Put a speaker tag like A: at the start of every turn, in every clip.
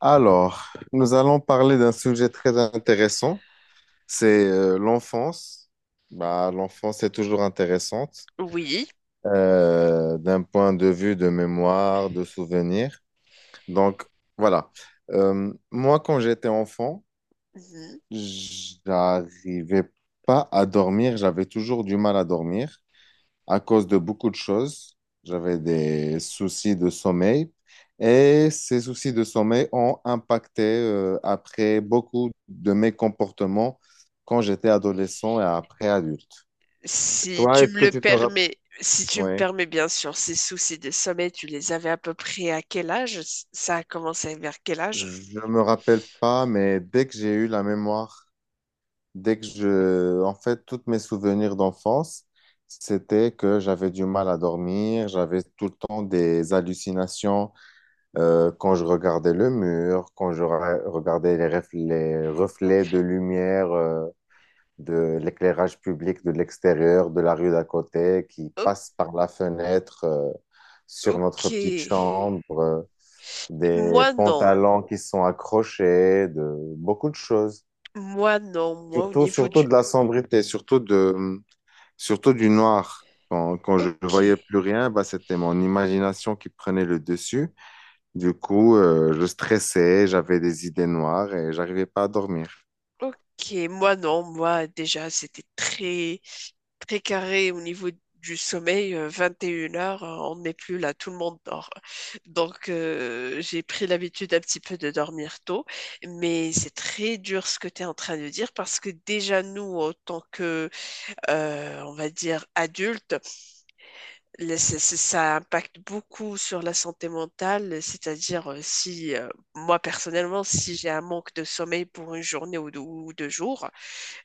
A: Alors, nous allons parler d'un sujet très intéressant, c'est l'enfance. Bah, l'enfance est toujours intéressante
B: Oui.
A: d'un point de vue de mémoire, de souvenirs. Donc, voilà. Moi, quand j'étais enfant,
B: Mhm.
A: j'arrivais pas à dormir, j'avais toujours du mal à dormir à cause de beaucoup de choses. J'avais des soucis de sommeil et ces soucis de sommeil ont impacté après beaucoup de mes comportements quand j'étais adolescent et après adulte.
B: Si
A: Toi,
B: tu
A: est-ce
B: me
A: que
B: le
A: tu te rappelles?
B: permets, si tu me
A: Oui,
B: permets bien sûr, ces soucis de sommeil, tu les avais à peu près à quel âge? Ça a commencé vers quel âge?
A: je me rappelle pas, mais dès que j'ai eu la mémoire, dès que en fait, tous mes souvenirs d'enfance, c'était que j'avais du mal à dormir, j'avais tout le temps des hallucinations. Quand je regardais le mur, quand regardais les reflets de lumière, de l'éclairage public de l'extérieur, de la rue d'à côté, qui
B: O-
A: passe par la fenêtre, sur
B: ok.
A: notre petite chambre, des
B: Moi non.
A: pantalons qui sont accrochés, de beaucoup de choses.
B: Moi non. Moi au
A: Surtout,
B: niveau
A: surtout
B: du...
A: de la sombrité, surtout de, surtout du noir. Quand, quand je ne
B: Ok.
A: voyais plus rien, bah, c'était mon imagination qui prenait le dessus. Du coup, je stressais, j'avais des idées noires et j'arrivais pas à dormir.
B: Ok. Moi non. Moi déjà, c'était très... très carré au niveau du sommeil, 21 heures, on n'est plus là, tout le monde dort. Donc, j'ai pris l'habitude un petit peu de dormir tôt, mais c'est très dur ce que tu es en train de dire parce que déjà, nous, en tant que, on va dire, adultes, ça impacte beaucoup sur la santé mentale, c'est-à-dire si, moi personnellement, si j'ai un manque de sommeil pour une journée ou deux jours,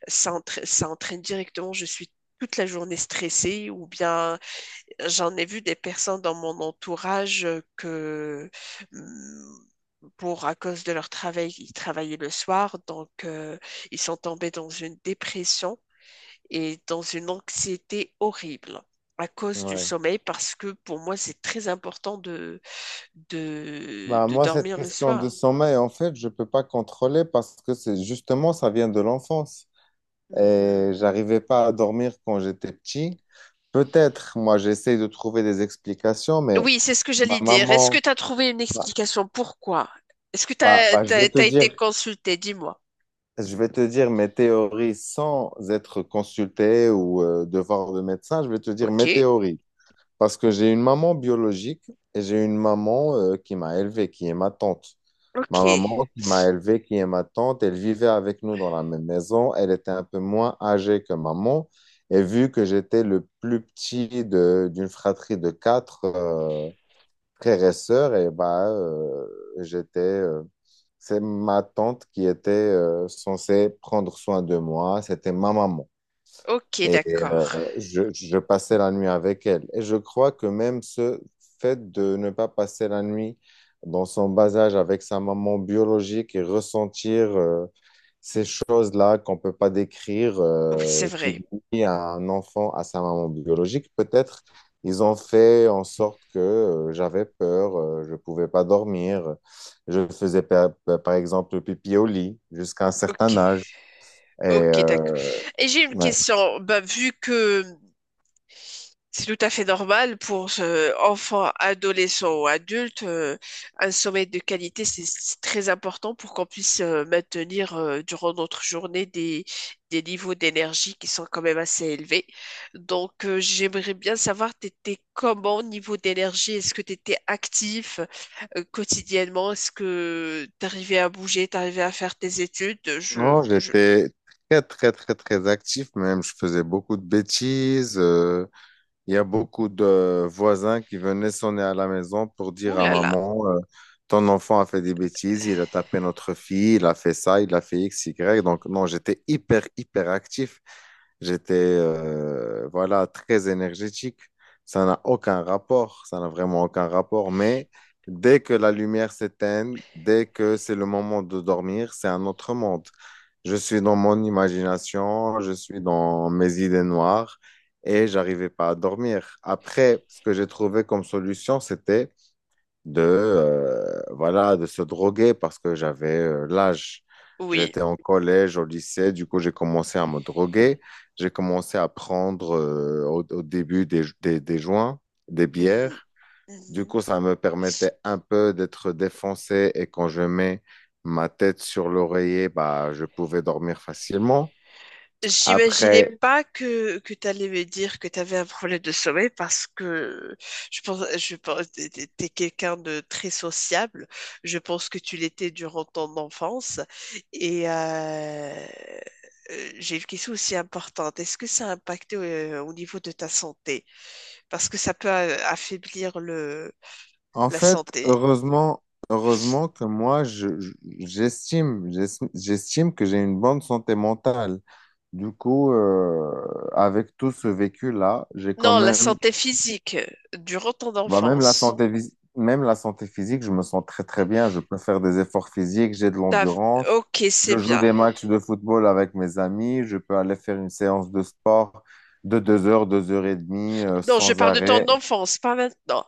B: ça, ça entraîne directement, je suis toute la journée stressée ou bien j'en ai vu des personnes dans mon entourage que hum, pour à cause de leur travail, ils travaillaient le soir, donc ils sont tombés dans une dépression et dans une anxiété horrible à cause du
A: Ouais.
B: sommeil parce que pour moi c'est très important de,
A: Bah,
B: de
A: moi, cette
B: dormir le
A: question de
B: soir.
A: sommeil, en fait, je peux pas contrôler parce que c'est justement, ça vient de l'enfance. Et
B: Mmh.
A: j'arrivais pas à dormir quand j'étais petit. Peut-être, moi, j'essaye de trouver des explications, mais
B: Oui, c'est ce que
A: ma
B: j'allais dire. Est-ce que
A: maman,
B: tu as trouvé une
A: bah,
B: explication? Pourquoi? Est-ce que tu
A: je
B: as,
A: vais te
B: été
A: dire,
B: consulté? Dis-moi.
A: je vais te dire mes théories sans être consulté ou devoir de médecin, je vais te dire
B: Ok,
A: mes théories. Parce que j'ai une maman biologique et j'ai une maman qui m'a élevé, qui est ma tante.
B: ok,
A: Ma maman qui m'a élevé, qui est ma tante, elle vivait avec nous dans la même maison. Elle était un peu moins âgée que maman. Et vu que j'étais le plus petit d'une fratrie de quatre frères et sœurs, et j'étais, c'est ma tante qui était censée prendre soin de moi. C'était ma maman.
B: ok,
A: Et euh,
B: d'accord.
A: je passais la nuit avec elle. Et je crois que même ce fait de ne pas passer la nuit dans son bas âge avec sa maman biologique et ressentir ces choses-là qu'on ne peut pas décrire,
B: Oui, c'est vrai.
A: qui lie un enfant à sa maman biologique, peut-être ils ont fait en sorte que j'avais peur, je ne pouvais pas dormir. Je faisais par, par exemple pipi au lit jusqu'à un certain
B: Ok,
A: âge. Et
B: ok, d'accord. Et j'ai une
A: ouais.
B: question. Bah, vu que c'est tout à fait normal pour enfants, adolescents ou adultes. Un sommeil de qualité, c'est très important pour qu'on puisse maintenir durant notre journée des niveaux d'énergie qui sont quand même assez élevés. Donc, j'aimerais bien savoir, t'étais comment au niveau d'énergie? Est-ce que tu étais actif quotidiennement? Est-ce que tu arrivais à bouger, tu arrivais à faire tes études?
A: Non, j'étais très, très, très, très actif même. Je faisais beaucoup de bêtises. Il y a beaucoup de voisins qui venaient sonner à la maison pour
B: Ouh
A: dire à
B: là là,
A: maman, ton enfant a fait des bêtises, il a tapé notre fille, il a fait ça, il a fait X, Y. Donc, non, j'étais hyper, hyper actif. J'étais voilà, très énergétique. Ça n'a aucun rapport, ça n'a vraiment aucun rapport. Mais dès que la lumière s'éteint, dès que c'est le moment de dormir, c'est un autre monde. Je suis dans mon imagination, je suis dans mes idées noires et j'arrivais pas à dormir. Après, ce que j'ai trouvé comme solution, c'était voilà, de se droguer parce que j'avais l'âge.
B: oui.
A: J'étais en collège, au lycée, du coup, j'ai commencé à me droguer. J'ai commencé à prendre au, au début des joints, des bières. Du
B: Mhm.
A: coup, ça me permettait un peu d'être défoncé et quand je mets ma tête sur l'oreiller, bah, je pouvais dormir facilement.
B: J'imaginais
A: Après,
B: pas que tu allais me dire que tu avais un problème de sommeil parce que je pense, t'es quelqu'un de très sociable. Je pense que tu l'étais durant ton enfance. Et j'ai une question aussi importante. Est-ce que ça a impacté au niveau de ta santé? Parce que ça peut affaiblir le,
A: En
B: la
A: fait,
B: santé.
A: heureusement, heureusement que j'estime que j'ai une bonne santé mentale. Du coup, avec tout ce vécu-là, j'ai quand
B: Non, la
A: même,
B: santé physique durant ton
A: bah, même
B: enfance.
A: même la santé physique, je me sens très très bien. Je peux faire des efforts physiques, j'ai de
B: T'as-
A: l'endurance.
B: Ok,
A: Je
B: c'est
A: joue
B: bien.
A: des matchs de football avec mes amis. Je peux aller faire une séance de sport de deux heures et demie,
B: Non, je
A: sans
B: parle de ton
A: arrêt.
B: enfance, pas maintenant.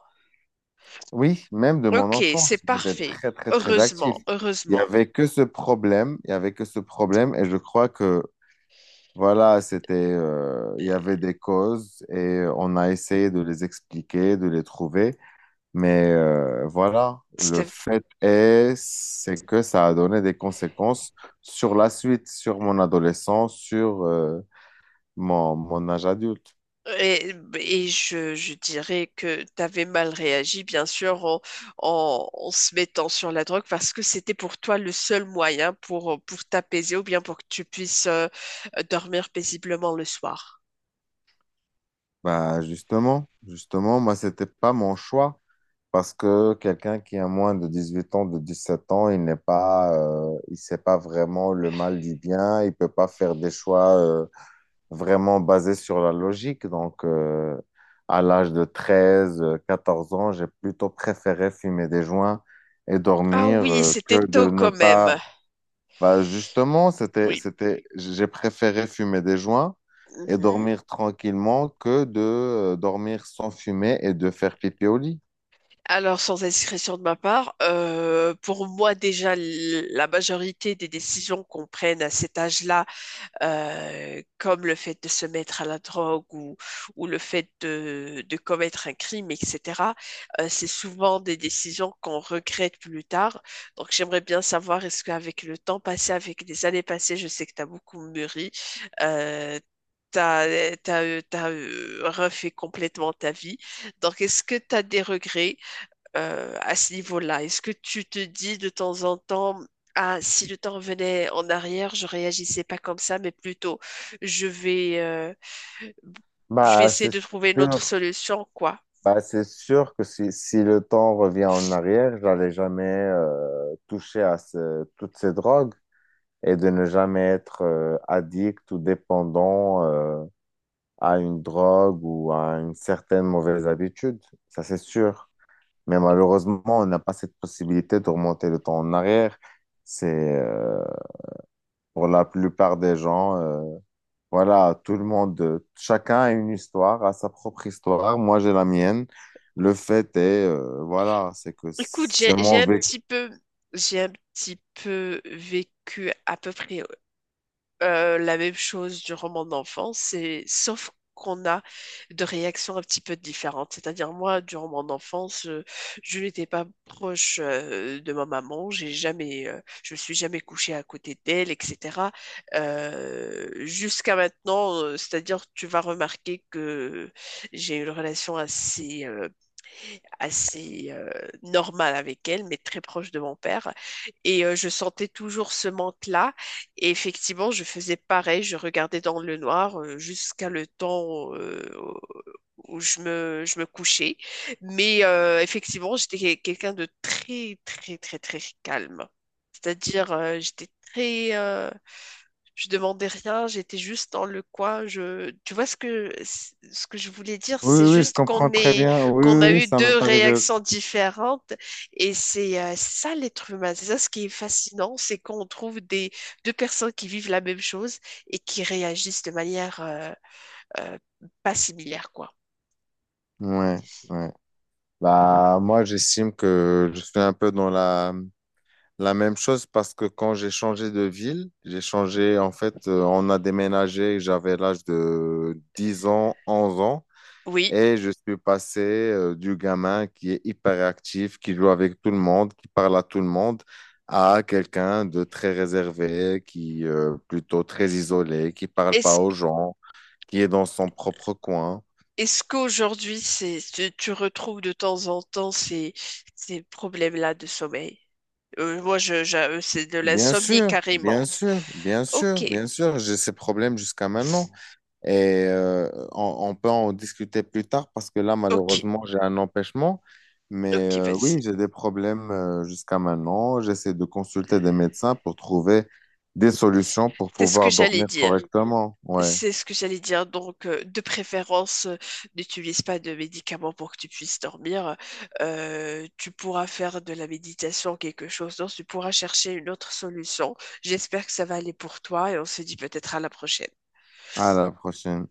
A: Oui, même de mon
B: Ok, c'est
A: enfance, j'étais
B: parfait.
A: très, très, très actif.
B: Heureusement,
A: Il n'y
B: heureusement.
A: avait que ce problème, il n'y avait que ce problème, et je crois que, voilà, il y avait des causes, et on a essayé de les expliquer, de les trouver, mais voilà, le
B: C'était-
A: fait est, c'est que ça a donné des conséquences sur la suite, sur mon adolescence, sur mon âge adulte.
B: Et, je dirais que tu avais mal réagi, bien sûr, en se mettant sur la drogue, parce que c'était pour toi le seul moyen pour t'apaiser ou bien pour que tu puisses dormir paisiblement le soir.
A: Bah justement, justement, moi, c'était pas mon choix parce que quelqu'un qui a moins de 18 ans, de 17 ans, il n'est pas, il sait pas vraiment le mal du bien, il peut pas faire des choix vraiment basés sur la logique. Donc, à l'âge de 14 ans, j'ai plutôt préféré fumer des joints et
B: Ah
A: dormir
B: oui, c'était
A: que
B: tôt
A: de ne
B: quand même.
A: pas bah justement,
B: Oui.
A: j'ai préféré fumer des joints et
B: Mhm.
A: dormir tranquillement que de dormir sans fumer et de faire pipi au lit.
B: Alors, sans indiscrétion de ma part, pour moi déjà, la majorité des décisions qu'on prenne à cet âge-là, comme le fait de se mettre à la drogue ou le fait de commettre un crime, etc., c'est souvent des décisions qu'on regrette plus tard. Donc j'aimerais bien savoir, est-ce qu'avec le temps passé, avec les années passées, je sais que tu as beaucoup mûri, euh, t'as refait complètement ta vie. Donc, est-ce que tu as des regrets à ce niveau-là? Est-ce que tu te dis de temps en temps, ah, si le temps revenait en arrière, je réagissais pas comme ça, mais plutôt, je vais, euh, je vais
A: Bah,
B: essayer
A: c'est
B: de trouver une autre
A: sûr.
B: solution, quoi.
A: Bah, c'est sûr que si, si le temps revient en arrière, j'allais jamais toucher à toutes ces drogues et de ne jamais être addict ou dépendant à une drogue ou à une certaine mauvaise habitude. Ça, c'est sûr. Mais malheureusement, on n'a pas cette possibilité de remonter le temps en arrière. C'est euh, pour la plupart des gens, voilà, tout le monde, chacun a une histoire, a sa propre histoire. Moi, j'ai la mienne. Le fait est, voilà, c'est que
B: Écoute,
A: c'est mon
B: j'ai un
A: vécu.
B: petit peu, j'ai un petit peu vécu à peu près la même chose du roman d'enfance, c'est sauf qu'on a de réactions un petit peu différentes. C'est-à-dire moi, du roman d'enfance, je n'étais pas proche de ma maman, j'ai jamais, je me suis jamais couchée à côté d'elle, etc. Jusqu'à maintenant, c'est-à-dire tu vas remarquer que j'ai une relation assez normale avec elle, mais très proche de mon père. Et je sentais toujours ce manque-là. Et effectivement, je faisais pareil, je regardais dans le noir jusqu'à le temps je me couchais. Mais effectivement, j'étais quelqu'un de très, très, très, très calme. C'est-à-dire, j'étais très... je demandais rien, j'étais juste dans le coin. Je, tu vois ce que je voulais dire,
A: Oui,
B: c'est
A: oui, je
B: juste
A: comprends
B: qu'on
A: très
B: est
A: bien. Oui,
B: qu'on a
A: oui, oui,
B: eu
A: ça m'est
B: deux
A: arrivé
B: réactions
A: aussi.
B: différentes. Et c'est ça l'être humain. C'est ça ce qui est fascinant, c'est qu'on trouve des, deux personnes qui vivent la même chose et qui réagissent de manière euh, pas similaire, quoi.
A: Ouais, ouais. Bah, moi, j'estime que je suis un peu dans la la même chose parce que quand j'ai changé de ville, j'ai changé, en fait, on a déménagé, j'avais l'âge de 10 ans, 11 ans,
B: Oui.
A: et je suis passé du gamin qui est hyperactif, qui joue avec tout le monde, qui parle à tout le monde, à quelqu'un de très réservé, qui plutôt très isolé, qui parle pas
B: Est-ce,
A: aux gens, qui est dans son propre coin.
B: est-ce qu'aujourd'hui, c'est, tu retrouves de temps en temps ces, ces problèmes-là de sommeil? Moi, c'est de
A: Bien
B: l'insomnie
A: sûr,
B: carrément.
A: bien sûr, bien sûr,
B: Ok,
A: bien sûr, j'ai ces problèmes jusqu'à maintenant. Et on peut en discuter plus tard parce que là,
B: ok,
A: malheureusement, j'ai un empêchement. Mais
B: ok,
A: oui,
B: vas-y.
A: j'ai des problèmes jusqu'à maintenant. J'essaie de consulter des médecins pour trouver des solutions pour
B: C'est ce que
A: pouvoir
B: j'allais
A: dormir
B: dire.
A: correctement. Ouais,
B: C'est ce que j'allais dire. Donc, de préférence, n'utilise pas de médicaments pour que tu puisses dormir. Tu pourras faire de la méditation, quelque chose. Donc, tu pourras chercher une autre solution. J'espère que ça va aller pour toi et on se dit peut-être à la prochaine.
A: à la prochaine.